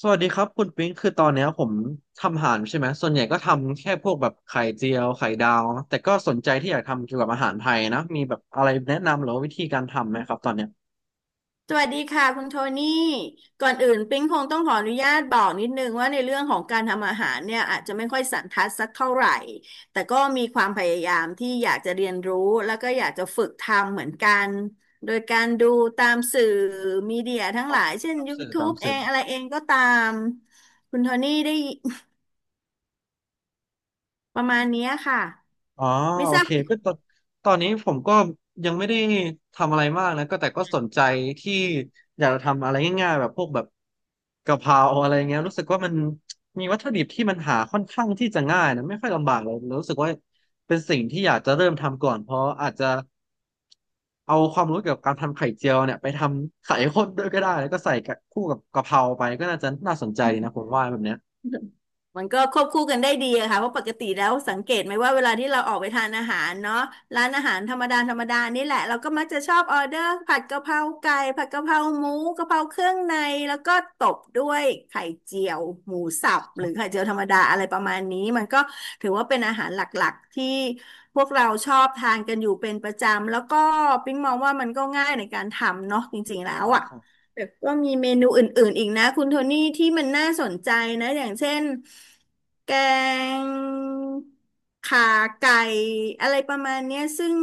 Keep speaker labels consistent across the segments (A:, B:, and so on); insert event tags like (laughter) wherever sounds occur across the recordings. A: สวัสดีครับคุณปิ๊งคือตอนเนี้ยผมทำอาหารใช่ไหมส่วนใหญ่ก็ทำแค่พวกแบบไข่เจียวไข่ดาวแต่ก็สนใจที่อยากทำเกี่ยวกับอาหารไทยนะมีแบบอะไรแนะนำหรือว่าวิธีการทำไหมครับตอนเนี้ย
B: สวัสดีค่ะคุณโทนี่ก่อนอื่นปิ๊งคงต้องขออนุญาตบอกนิดนึงว่าในเรื่องของการทำอาหารเนี่ยอาจจะไม่ค่อยสันทัดสักเท่าไหร่แต่ก็มีความพยายามที่อยากจะเรียนรู้แล้วก็อยากจะฝึกทำเหมือนกันโดยการดูตามสื่อมีเดียทั้ง
A: อ๋
B: ห
A: อ
B: ลายเช่น
A: ตามสื่อตาม
B: YouTube เอ
A: สื่อ
B: งอะไรเองก็ตามคุณโทนี่ได้ประมาณเนี้ยค่ะ
A: อ๋อ
B: ไม่
A: โอ
B: ทราบ
A: เคก็ตอนนี้ผมก็ยังไม่ได้ทำอะไรมากนะก็แต่ก็สนใจที่อยากจะทำอะไรง่ายๆแบบพวกแบบกะเพราอะไรเงี้ยรู้สึกว่ามันมีวัตถุดิบที่มันหาค่อนข้างที่จะง่ายนะไม่ค่อยลำบากเลยรู้สึกว่าเป็นสิ่งที่อยากจะเริ่มทำก่อนเพราะอาจจะเอาความรู้เกี่ยวกับการทำไข่เจียวเนี่ยไปทำไข่ข้นด้วยก็ได้แล้วก็ใส่กับคู่กับกะเพราไปก็น่าจะน่าสนใจนะผมว่าแบบเนี้ย
B: มันก็ควบคู่กันได้ดีอะค่ะเพราะปกติแล้วสังเกตไหมว่าเวลาที่เราออกไปทานอาหารเนาะร้านอาหารธรรมดาธรรมดานี่แหละเราก็มักจะชอบออเดอร์ผัดกะเพราไก่ผัดกะเพราหมูกะเพราเครื่องในแล้วก็ตบด้วยไข่เจียวหมูสับหรือไข่เจียวธรรมดาอะไรประมาณนี้มันก็ถือว่าเป็นอาหารหลักๆที่พวกเราชอบทานกันอยู่เป็นประจำแล้วก็ปิ๊งมองว่ามันก็ง่ายในการทำเนาะจริงๆแล้ว
A: อ่
B: อะ
A: า
B: แต่ก็มีเมนูอื่นๆอีกนะคุณโทนี่ที่มันน่าสนใจนะอย่างเช่นแกงขาไก่อะไรประมาณเนี้ยซึ่ง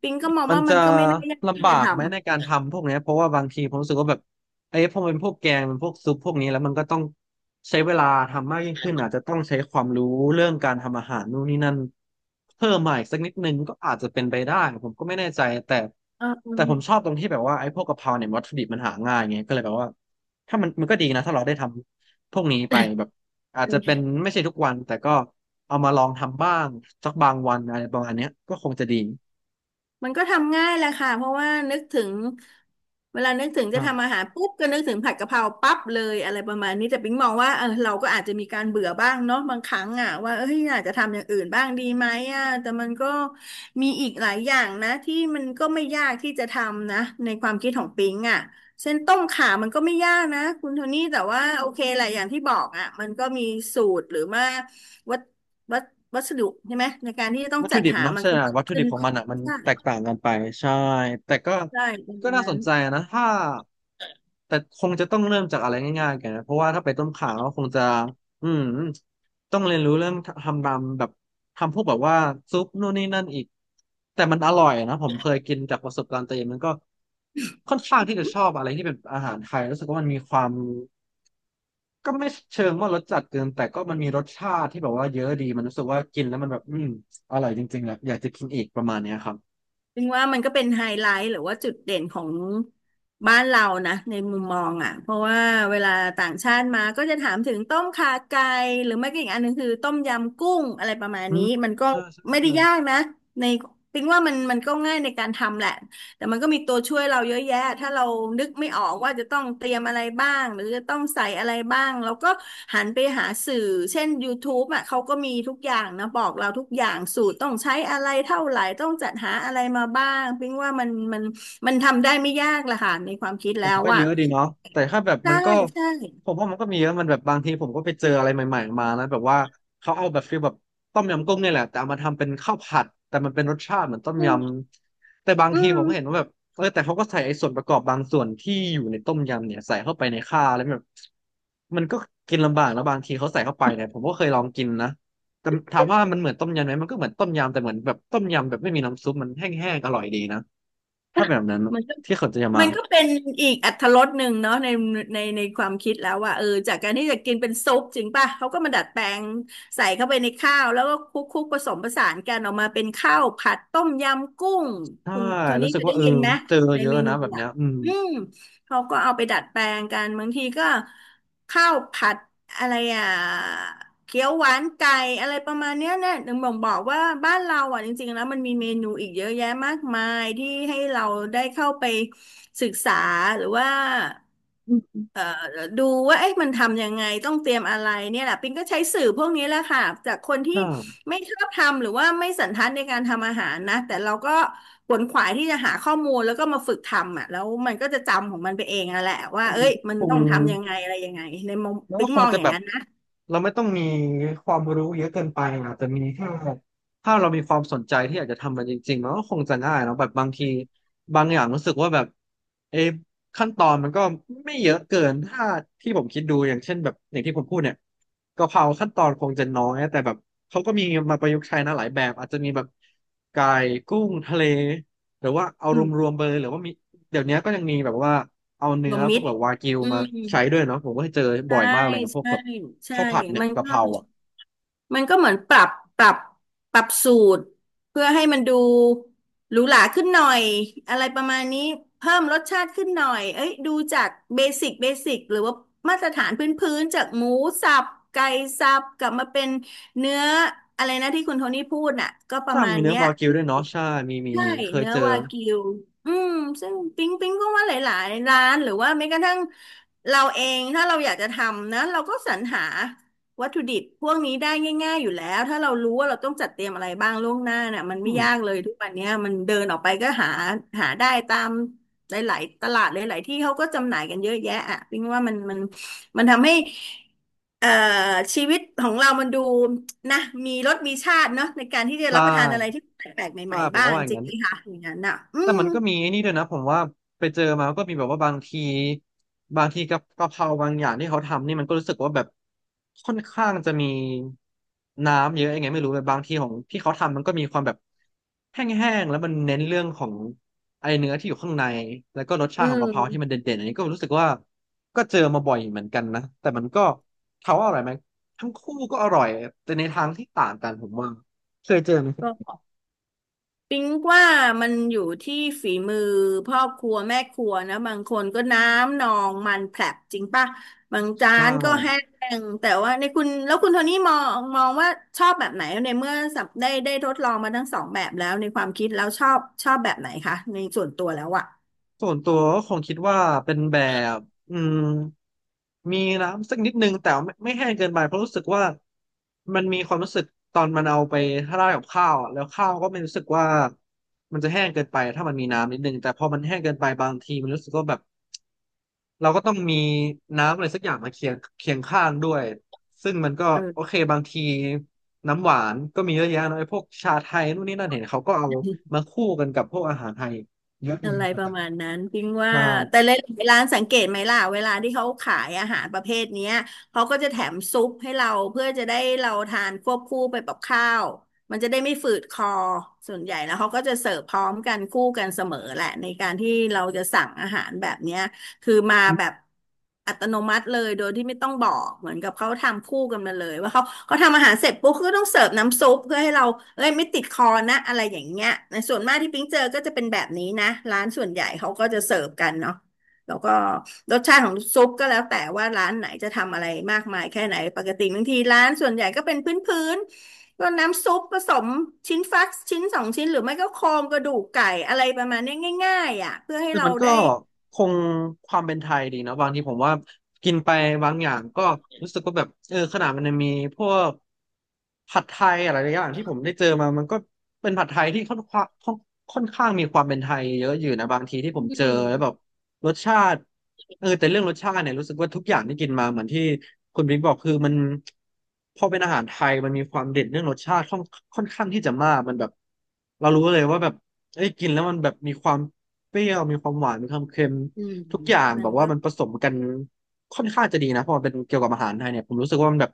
B: ปิงก็มอง
A: มัน
B: ว่ามั
A: จะ
B: นก็ไม่น่ายากที่
A: ลำบา
B: จะ
A: ก
B: ทำ
A: ไหมในการทำพวกเนี้ยเพราะว่าบางทีผมรู้สึกว่าแบบไอ้พอมันเป็นพวกแกงมันพวกซุปพวกนี้แล้วมันก็ต้องใช้เวลาทำมากยิ่งขึ้นอาจจะต้องใช้ความรู้เรื่องการทำอาหารนู่นนี่นั่นเพิ่มมาอีกสักนิดนึงก็อาจจะเป็นไปได้ผมก็ไม่แน่ใจแต่ผม
B: เ
A: ชอบตรงที่แบบว่าไอ้พวกกะเพราเนี่ยวัตถุดิบมันหาง่ายไงก็เลยแบบว่าถ้ามันก็ดีนะถ้าเราได้ทำพวกนี้ไปแบบอาจ
B: อ
A: จะเป็น
B: อ
A: ไม่ใช่ทุกวันแต่ก็เอามาลองทำบ้างสักบางวันอะไรประมาณเนี้ยก็คงจะดี
B: มันก็ทำง่ายแหละค่ะเพราะว่านึกถึงเวลานึกถึงจะทำอาหารปุ๊บก็นึกถึงผัดกะเพราปั๊บเลยอะไรประมาณนี้แต่ปิ๊งมองว่าเออเราก็อาจจะมีการเบื่อบ้างเนาะบางครั้งอ่ะว่าเอ้ยอาจจะทำอย่างอื่นบ้างดีไหมอ่ะแต่มันก็มีอีกหลายอย่างนะที่มันก็ไม่ยากที่จะทำนะในความคิดของปิ๊งอ่ะเส้นต้มข่ามันก็ไม่ยากนะคุณโทนี่แต่ว่าโอเคแหละอย่างที่บอกอ่ะมันก็มีสูตรหรือว่าวัตวัตวัสดุใช่ไหมในการที่จะต้อง
A: วัต
B: จั
A: ถุ
B: ด
A: ดิบ
B: หา
A: เนาะ
B: มัน
A: ใช่
B: ก็มาก
A: วัตถุ
B: ขึ้
A: ดิ
B: น
A: บของมันอ่ะมันแตกต่างกันไปใช่แต่ก็
B: ใช่ประ
A: ก็
B: มาณ
A: น่าส
B: นั้น
A: นใจนะถ้าแต่คงจะต้องเริ่มจากอะไรง่ายๆกันนะเพราะว่าถ้าไปต้มข่าก็คงจะอืมต้องเรียนรู้เรื่องทำตามแบบทำพวกแบบว่าซุปนู่นนี่นั่นอีกแต่มันอร่อยนะผมเคยกินจากประสบการณ์ตัวเองมันก็ค่อนข้างที่จะชอบอะไรที่เป็นอาหารไทยรู้สึกว่ามันมีความ ก็ไม่เชิงว่ารสจัดเกินแต่ก็มันมีรสชาติที่แบบว่าเยอะดีมันรู้สึกว่ากินแล้วมันแบบอืมอร่อยจริงๆแหละอยากจะกินอีกประมาณเนี้ยครับ
B: ถึงว่ามันก็เป็นไฮไลท์หรือว่าจุดเด่นของบ้านเรานะในมุมมองอ่ะเพราะว่าเวลาต่างชาติมาก็จะถามถึงต้มข่าไก่หรือไม่ก็อีกอันหนึงคือต้มยำกุ้งอะไรประมาณ
A: อื
B: นี้
A: ม
B: มันก็
A: ใช่ใช่
B: ไม่ได้
A: ใช่
B: ยากนะในถึงว่ามันก็ง่ายในการทำแหละ แต่มันก็มีตัวช่วยเราเยอะแยะถ้าเรานึกไม่ออกว่าจะต้องเตรียมอะไรบ้างหรือจะต้องใส่อะไรบ้างเราก็หันไปหาสื่อเช่น y o ท t u อ่ะเขาก็มีทุกอย่างนะบอกเราทุกอย่างสูตรต้องใช้อะไรเท่าไหร่ต้องจัดหาอะไรมาบ้างพิงว่ามันทำได้ไม่ยากละค่ะในความคิด
A: ผ
B: แล้
A: ม
B: ว
A: ก็เย
B: อ่ะ
A: อะดีเนาะแต่ถ้าแบบมั
B: ใช่
A: นก็
B: ใช่
A: ผมว่ามันก็มีเยอะมันแบบบางทีผมก็ไปเจออะไรใหม่ๆมานะแบบว่าเขาเอาแบบฟีลแบบต้มยำกุ้งเนี่ยแหละแต่เอามาทำเป็นข้าวผัดแต่มันเป็นรสชาติเหมือนต้ม
B: อื
A: ย
B: ม
A: ำแต่บาง
B: อื
A: ทีผ
B: ม
A: มก็เห็น
B: (laughs)
A: ว่าแบบเออแต่เขาก็ใส่ไอ้ส่วนประกอบบางส่วนที่อยู่ในต้มยำเนี่ยใส่เข้าไปในข้าวแล้วแบบมันก็กินลำบากแล้วบางทีเขาใส่เข้าไปเนี่ยผมก็เคยลองกินนะแต่ถามว่ามันเหมือนต้มยำไหมมันก็เหมือนต้มยำแต่เหมือนแบบต้มยำแบบไม่มีน้ำซุปมันแห้งๆอร่อยดีนะถ้าเป็นแบบนั้น
B: มันก็
A: ที่เขาจะมา
B: มันก็เป็นอีกอรรถรสหนึ่งเนาะในความคิดแล้วว่าเออจากการที่จะกินเป็นซุปจริงป่ะเขาก็มาดัดแปลงใส่เข้าไปในข้าวแล้วก็คลุกคลุกผสมผสานกันออกมาเป็นข้าวผัดต้มยำกุ้ง
A: ใช่
B: คุณโทนี้
A: รู้สึ
B: เค
A: ก
B: ย
A: ว่า
B: ได้
A: เออ
B: ยินไหม
A: เจอ
B: ใน
A: เยอะ
B: เมนู
A: นะแบบเนี้
B: อ่ะ
A: ยอืม
B: อืมเขาก็เอาไปดัดแปลงกันบางทีก็ข้าวผัดอะไรอ่ะ เกี๊ยวหวานไก่อะไรประมาณเนี้ยเนี่ยถึงบอกว่าบ้านเราอ่ะจริงๆแล้วมันมีเมนูอีกเยอะแยะมากมายที่ให้เราได้เข้าไปศึกษาหรือว่า
A: อืมอืม
B: เอ่อดูว่าเอ๊ะมันทำยังไงต้องเตรียมอะไรเนี่ยแหละปิงก็ใช้สื่อพวกนี้แหละค่ะจากคนที่
A: ใช่
B: ไม่ชอบทำหรือว่าไม่สันทัดในการทำอาหารนะแต่เราก็ขวนขวายที่จะหาข้อมูลแล้วก็มาฝึกทำอ่ะแล้วมันก็จะจำของมันไปเองอะแหละว่า
A: มั
B: เอ้
A: น
B: ย
A: ก็
B: มัน
A: คง
B: ต้องทำยังไงอะไรยังไงในมุม
A: แล้ว
B: ปิ
A: ก็
B: ง
A: ค
B: ม
A: ง
B: อง
A: จะ
B: อย่า
A: แบ
B: ง
A: บ
B: นั้นนะ
A: เราไม่ต้องมีความรู้เยอะเกินไปอ่ะแต่มีแค่ถ้าเรามีความสนใจที่อยากจะทำมันจริงๆมันก็คงจะง่ายเนาะแบบบางทีบางอย่างรู้สึกว่าแบบเอะขั้นตอนมันก็ไม่เยอะเกินถ้าที่ผมคิดดูอย่างเช่นแบบอย่างที่ผมพูดเนี่ยกะเพราขั้นตอนคงจะน้อยแต่แบบเขาก็มีมาประยุกต์ใช้นะหลายแบบอาจจะมีแบบไก่กุ้งทะเลหรือว่าเอารวมๆไปเลยหรือว่ามีเดี๋ยวนี้ก็ยังมีแบบว่า เอา
B: ร
A: เนื้อ
B: วม
A: พ
B: มิ
A: วก
B: ตร
A: แบบวากิว
B: อื
A: มา
B: ม
A: ใช้ด้วยเนาะผมก็เจอบ่
B: ใช่
A: อยมากเลยนะพวก
B: ใช่
A: แบบ
B: ใช่
A: ข้าวผัดเนี่ย
B: มัน
A: กะ
B: ก็
A: เพราอ่ะ
B: มันก็เหมือนปรับ ปรับสูตร เพื่อให้มันดูหรูหราขึ้นหน่อย อะไรประมาณนี้ เพิ่มรสชาติขึ้นหน่อยเอ้ยดูจากเบสิกเบสิกหรือว่ามาตรฐานพื้นพื้นจากหมูสับ ไก่สับกลับมาเป็นเนื้ออะไรนะที่คุณโทนี่พูดน่ะก็ประ
A: ใช่
B: มา
A: มี
B: ณ
A: เนื้อ
B: เนี้ย
A: วากิวด้วยเนาะใช่มีมี
B: ใช่
A: มีเคย
B: เนื้อ
A: เจอ
B: วากิวอืมซึ่งปิ๊งก็ว่าหลายๆร้านหรือว่าแม้กระทั่งเราเองถ้าเราอยากจะทำนะเราก็สรรหาวัตถุดิบพวกนี้ได้ง่ายๆอยู่แล้วถ้าเรารู้ว่าเราต้องจัดเตรียมอะไรบ้างล่วงหน้าน่ะมัน
A: อื
B: ไม่
A: ม
B: ยากเลยทุกวันเนี้ยมันเดินออกไปก็หาหาได้ตามหลายๆตลาดหลายๆที่เขาก็จำหน่ายกันเยอะแยะอ่ะปิ๊งว่ามันทำให้เอ่อชีวิตของเรามันดู นะมีรสมีชาติเนาะในการที่จะ
A: ใช่
B: รับประทานอะไรที่แปลกๆให
A: ใช่
B: ม่
A: ผ
B: ๆ
A: ม
B: บ้า
A: ก็
B: ง
A: ว่าอย่า
B: จ
A: ง
B: ริง
A: นั้น
B: ไหมคะอย่างนั้นอ่ะอื
A: แต่
B: ม
A: มันก็มีไอ้นี่ด้วยนะผมว่าไปเจอมาก็มีแบบว่าบางทีกับกะเพราบางอย่างที่เขาทำนี่มันก็รู้สึกว่าแบบค่อนข้างจะมีน้ำเยอะยังไงไม่รู้แบบบางทีของที่เขาทำมันก็มีความแบบแห้งๆแล้วมันเน้นเรื่องของไอเนื้อที่อยู่ข้างในแล้วก็รสชา
B: อื
A: ติของกะเพราที่มัน
B: ม
A: เด่นๆอันนี้ก็รู้สึกว่าก็เจอมาบ่อยเหมือนกันนะแต่มันก็ถามว่าอร่อยไหมทั้งคู่ก็อร่อยแต่ในทางที่ต่างกันผมว่าเคยเจอไหม
B: ก็ปิ๊งว่ามันอยู่ที่ฝีมือพ่อครัวแม่ครัวนะบางคนก็น้ำนองมันแผลบจริงป่ะบางจา
A: ใช่
B: นก็แห้งแต่ว่าในคุณแล้วคุณโทนี่มองว่าชอบแบบไหนในเมื่อสับได้ทดลองมาทั้งสองแบบแล้วในความคิดแล้วชอบแบบไหนคะในส่วนตัวแล้วอะ
A: ส่วนตัวก็คงคิดว่าเป็นแบบอืมมีน้ำสักนิดนึงแต่ไม่แห้งเกินไปเพราะรู้สึกว่ามันมีความรู้สึกตอนมันเอาไปราดกับข้าวอะแล้วข้าวก็ไม่รู้สึกว่ามันจะแห้งเกินไปถ้ามันมีน้ำนิดนึงแต่พอมันแห้งเกินไปบางทีมันรู้สึกว่าแบบเราก็ต้องมีน้ำอะไรสักอย่างมาเคียงข้างด้วยซึ่งมันก็
B: เอ
A: โอเคบางทีน้ำหวานก็มีเยอะแยะเนอะไอ้พวกชาไทยนู่นนี่นั่นเห็นเขาก็เอา
B: อ
A: มาคู่กันกับพวกอาหารไทยเยอะดี
B: อะ
A: เห
B: ไร
A: มือน
B: ป
A: กั
B: ระ
A: น
B: มาณนั้นพิงว่า
A: ใช่
B: แต่หลายๆร้านสังเกตไหมล่ะเวลาที่เขาขายอาหารประเภทเนี้ยเขาก็จะแถมซุปให้เราเพื่อจะได้เราทานควบคู่ไปกับข้าวมันจะได้ไม่ฝืดคอส่วนใหญ่แล้วเขาก็จะเสิร์ฟพร้อมกันคู่กันเสมอแหละในการที่เราจะสั่งอาหารแบบเนี้ย คือมาแบบอัตโนมัติเลยโดยที่ไม่ต้องบอกเหมือนกับเขาทำคู่กันมาเลยว่าเขาทำอาหารเสร็จปุ๊บก็ต้องเสิร์ฟน้ำซุปเพื่อให้เราเอ้ยไม่ติดคอนะอะไรอย่างเงี้ยในส่วนมากที่ปิ๊งเจอก็จะเป็นแบบนี้นะร้านส่วนใหญ่เขาก็จะเสิร์ฟกันเนาะแล้วก็รสชาติของซุปก็แล้วแต่ว่าร้านไหนจะทำอะไรมากมายแค่ไหนปกติบางทีร้านส่วนใหญ่ก็เป็นพื้นๆก็น้ำซุปผสมชิ้นฟักชิ้นสองชิ้นหรือไม่ก็โครงกระดูกไก่อะไรประมาณเนี้ยง่ายๆอ่ะเพื่อให้
A: แต่
B: เรา
A: มันก็
B: ได้
A: คงความเป็นไทยดีนะบางทีผมว่ากินไปบางอย่างก็รู้สึกว่าแบบเออขนาดมันยังมีพวกผัดไทยอะไรหลายอย่างที่ผมได้เจอมามันก็เป็นผัดไทยที่ค่อนข้างมีความเป็นไทยเยอะอยู่นะบางทีที่
B: อื
A: ผมเจอ
B: ม
A: แล้วแบบรสชาติเออแต่เรื่องรสชาติเนี่ยรู้สึกว่าทุกอย่างที่กินมาเหมือนที่คุณบิ๊กบอกคือมันพอเป็นอาหารไทยมันมีความเด่นเรื่องรสชาติค่อนข้างที่จะมากมันแบบ เรารู้เลยว่าแบบเอ้ยกินแล้วมันแบบมีความเปรี้ยวมีความหวานมีความเค็ม
B: อืม
A: ทุกอย่าง
B: มั
A: แบ
B: น
A: บว่า
B: ก็
A: มันผสมกันค่อนข้างจะดีนะเพราะมันเป็นเกี่ยวกับอาหารไทยเนี่ยผมรู้สึกว่ามันแบบ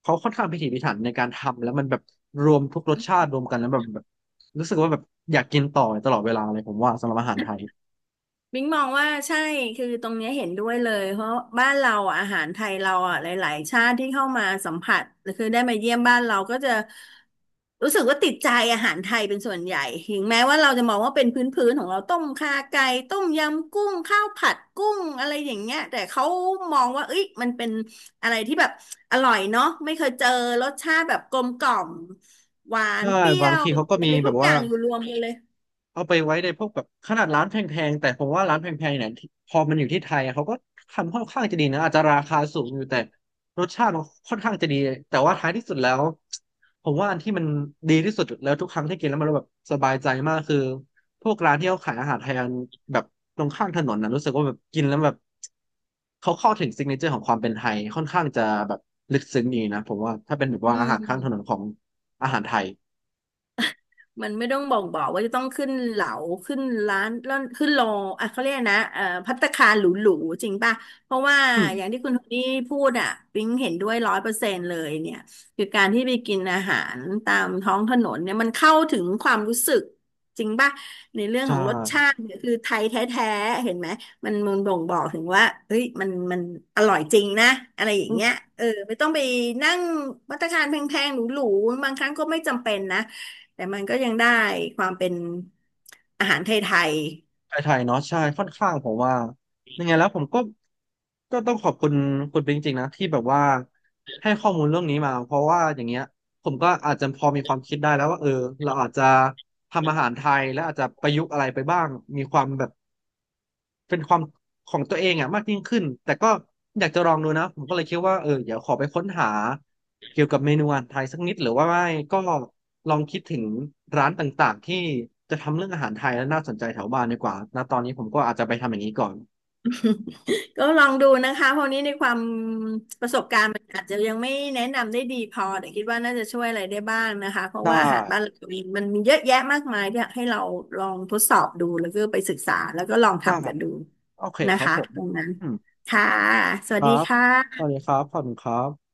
A: เขาค่อนข้างพิถีพิถันในการทำแล้วมันแบบรวมทุกรสชาติรวมกันแล้วแบบรู้สึกว่าแบบอยากกินต่อตลอดเวลาเลยผมว่าสำหรับอาหารไทย
B: บิ๊กมองว่าใช่คือตรงเนี้ยเห็นด้วยเลยเพราะบ้านเราออาหารไทยเราอ่ะหลายๆชาติที่เข้ามาสัมผัสคือได้มาเยี่ยมบ้านเราก็จะรู้สึกว่าติดใจอาหารไทยเป็นส่วนใหญ่ถึงแม้ว่าเราจะมองว่าเป็นพื้นๆของเราต้มข่าไก่ต้มยำกุ้งข้าวผัดกุ้งอะไรอย่างเงี้ยแต่เขามองว่าเอ้ยมันเป็นอะไรที่แบบอร่อยเนาะไม่เคยเจอรสชาติแบบกลมกล่อมหวาน
A: ใช่
B: เปรี้ย
A: บาง
B: ว
A: ทีเขาก็
B: อะ
A: มี
B: ไร
A: แบ
B: ทุก
A: บ
B: อ
A: ว่า
B: ย่างอยู่รวมกันเลย
A: เอาไปไว้ในพวกแบบขนาดร้านแพงๆแต่ผมว่าร้านแพงๆเนี่ยที่พอมันอยู่ที่ไทยอะเขาก็ทำค่อนข้างจะดีนะอาจจะราคาสูงอยู่แต่รสชาติมันค่อนข้างจะดีแต่ว่าท้ายที่สุดแล้วผมว่าอันที่มันดีที่สุดแล้วทุกครั้งที่กินแล้วมันแบบสบายใจมากคือพวกร้านที่เขาขายอาหารไทยแบบตรงข้างถนนนะรู้สึกว่าแบบกินแล้วแบบเขาเข้าถึงซิกเนเจอร์ของความเป็นไทยค่อนข้างจะแบบลึกซึ้งดีนะผมว่าถ้าเป็นแบบ
B: อื
A: ว่าอาหารข้างถนน
B: ม
A: ของอาหารไทย
B: มันไม่ต้องบอกว่าจะต้องขึ้นเหลาขึ้นร้านแล้วขึ้นโลอ่ะเขาเรียกนะภัตตาคารหรูๆจริงป่ะเพราะว่า
A: อื
B: อย่าง
A: ม
B: ที่คุณโทนี่พูดอ่ะปิ๊งเห็นด้วย100%เลยเนี่ยคือการที่ไปกินอาหารตามท้องถนนเนี่ยมันเข้าถึงความรู้สึกจริงป่ะในเรื่อง
A: ใช่
B: ของรสชาติเนี่ยคือไทยแท้ๆเห็นไหมมันบ่งบอกถึงว่าเฮ้ยมันอร่อยจริงนะอะไรอย่างเงี้ยเออไม่ต้องไปนั่งภัตตาคารแพงๆหรูๆบางครั้งก็ไม่จำเป็นนะ แต่มันก็ยังได้ความเป็นอาหารไทย
A: ไทยๆเนาะใช่ค่อนข้างผมว่ายังไงแล้วผมก็ต้องขอบคุณคุณเป็นจริงๆนะที่แบบว่าให้ข้อมูลเรื่องนี้มาเพราะว่าอย่างเงี้ยผมก็อาจจะพอมีความคิดได้แล้วว่าเออเราอาจจะทำอาหารไทยและอาจจะประยุกต์อะไรไปบ้างมีความแบบ เป็นความของตัวเองอ่ะมากยิ่งขึ้น แต่ก็อยากจะลองดูนะ ผมก็เลยคิดว่าเออเดี๋ยวขอไปค้นหาเกี่ยวกับเมนูอาหารไทยสักนิดหรือว่าไม่ก็ลองคิดถึงร้านต่างๆที่จะทำเรื่องอาหารไทยแล้วน่าสนใจแถวบ้านดีกว่าณตอนนี้ผมก็อาจจะไปทำอย่างนี้ก่อน
B: ๆก็ลองดูนะคะเพราะนี้ในความประสบการณ์มันอาจจะยังไม่แนะนำได้ดีพอแต่คิดว่าน่าจะช่วยอะไรได้บ้างนะคะเพราะ
A: ได้
B: ว่าอาหารบ้านเราเองมันมีเยอะแยะมากมายที่ให้เราลองทดสอบดูแล้วก็ไปศึกษาแล้วก็ลอง
A: ได้
B: ทำกันดู
A: โอเค
B: นะ
A: ครับ
B: คะ
A: ผม
B: ตรงนั้น
A: อืม
B: ค่ะ ส
A: ค
B: วัส
A: รั
B: ดี
A: บ
B: ค่
A: สวัส
B: ะ
A: ดีครับขอบคุณครับ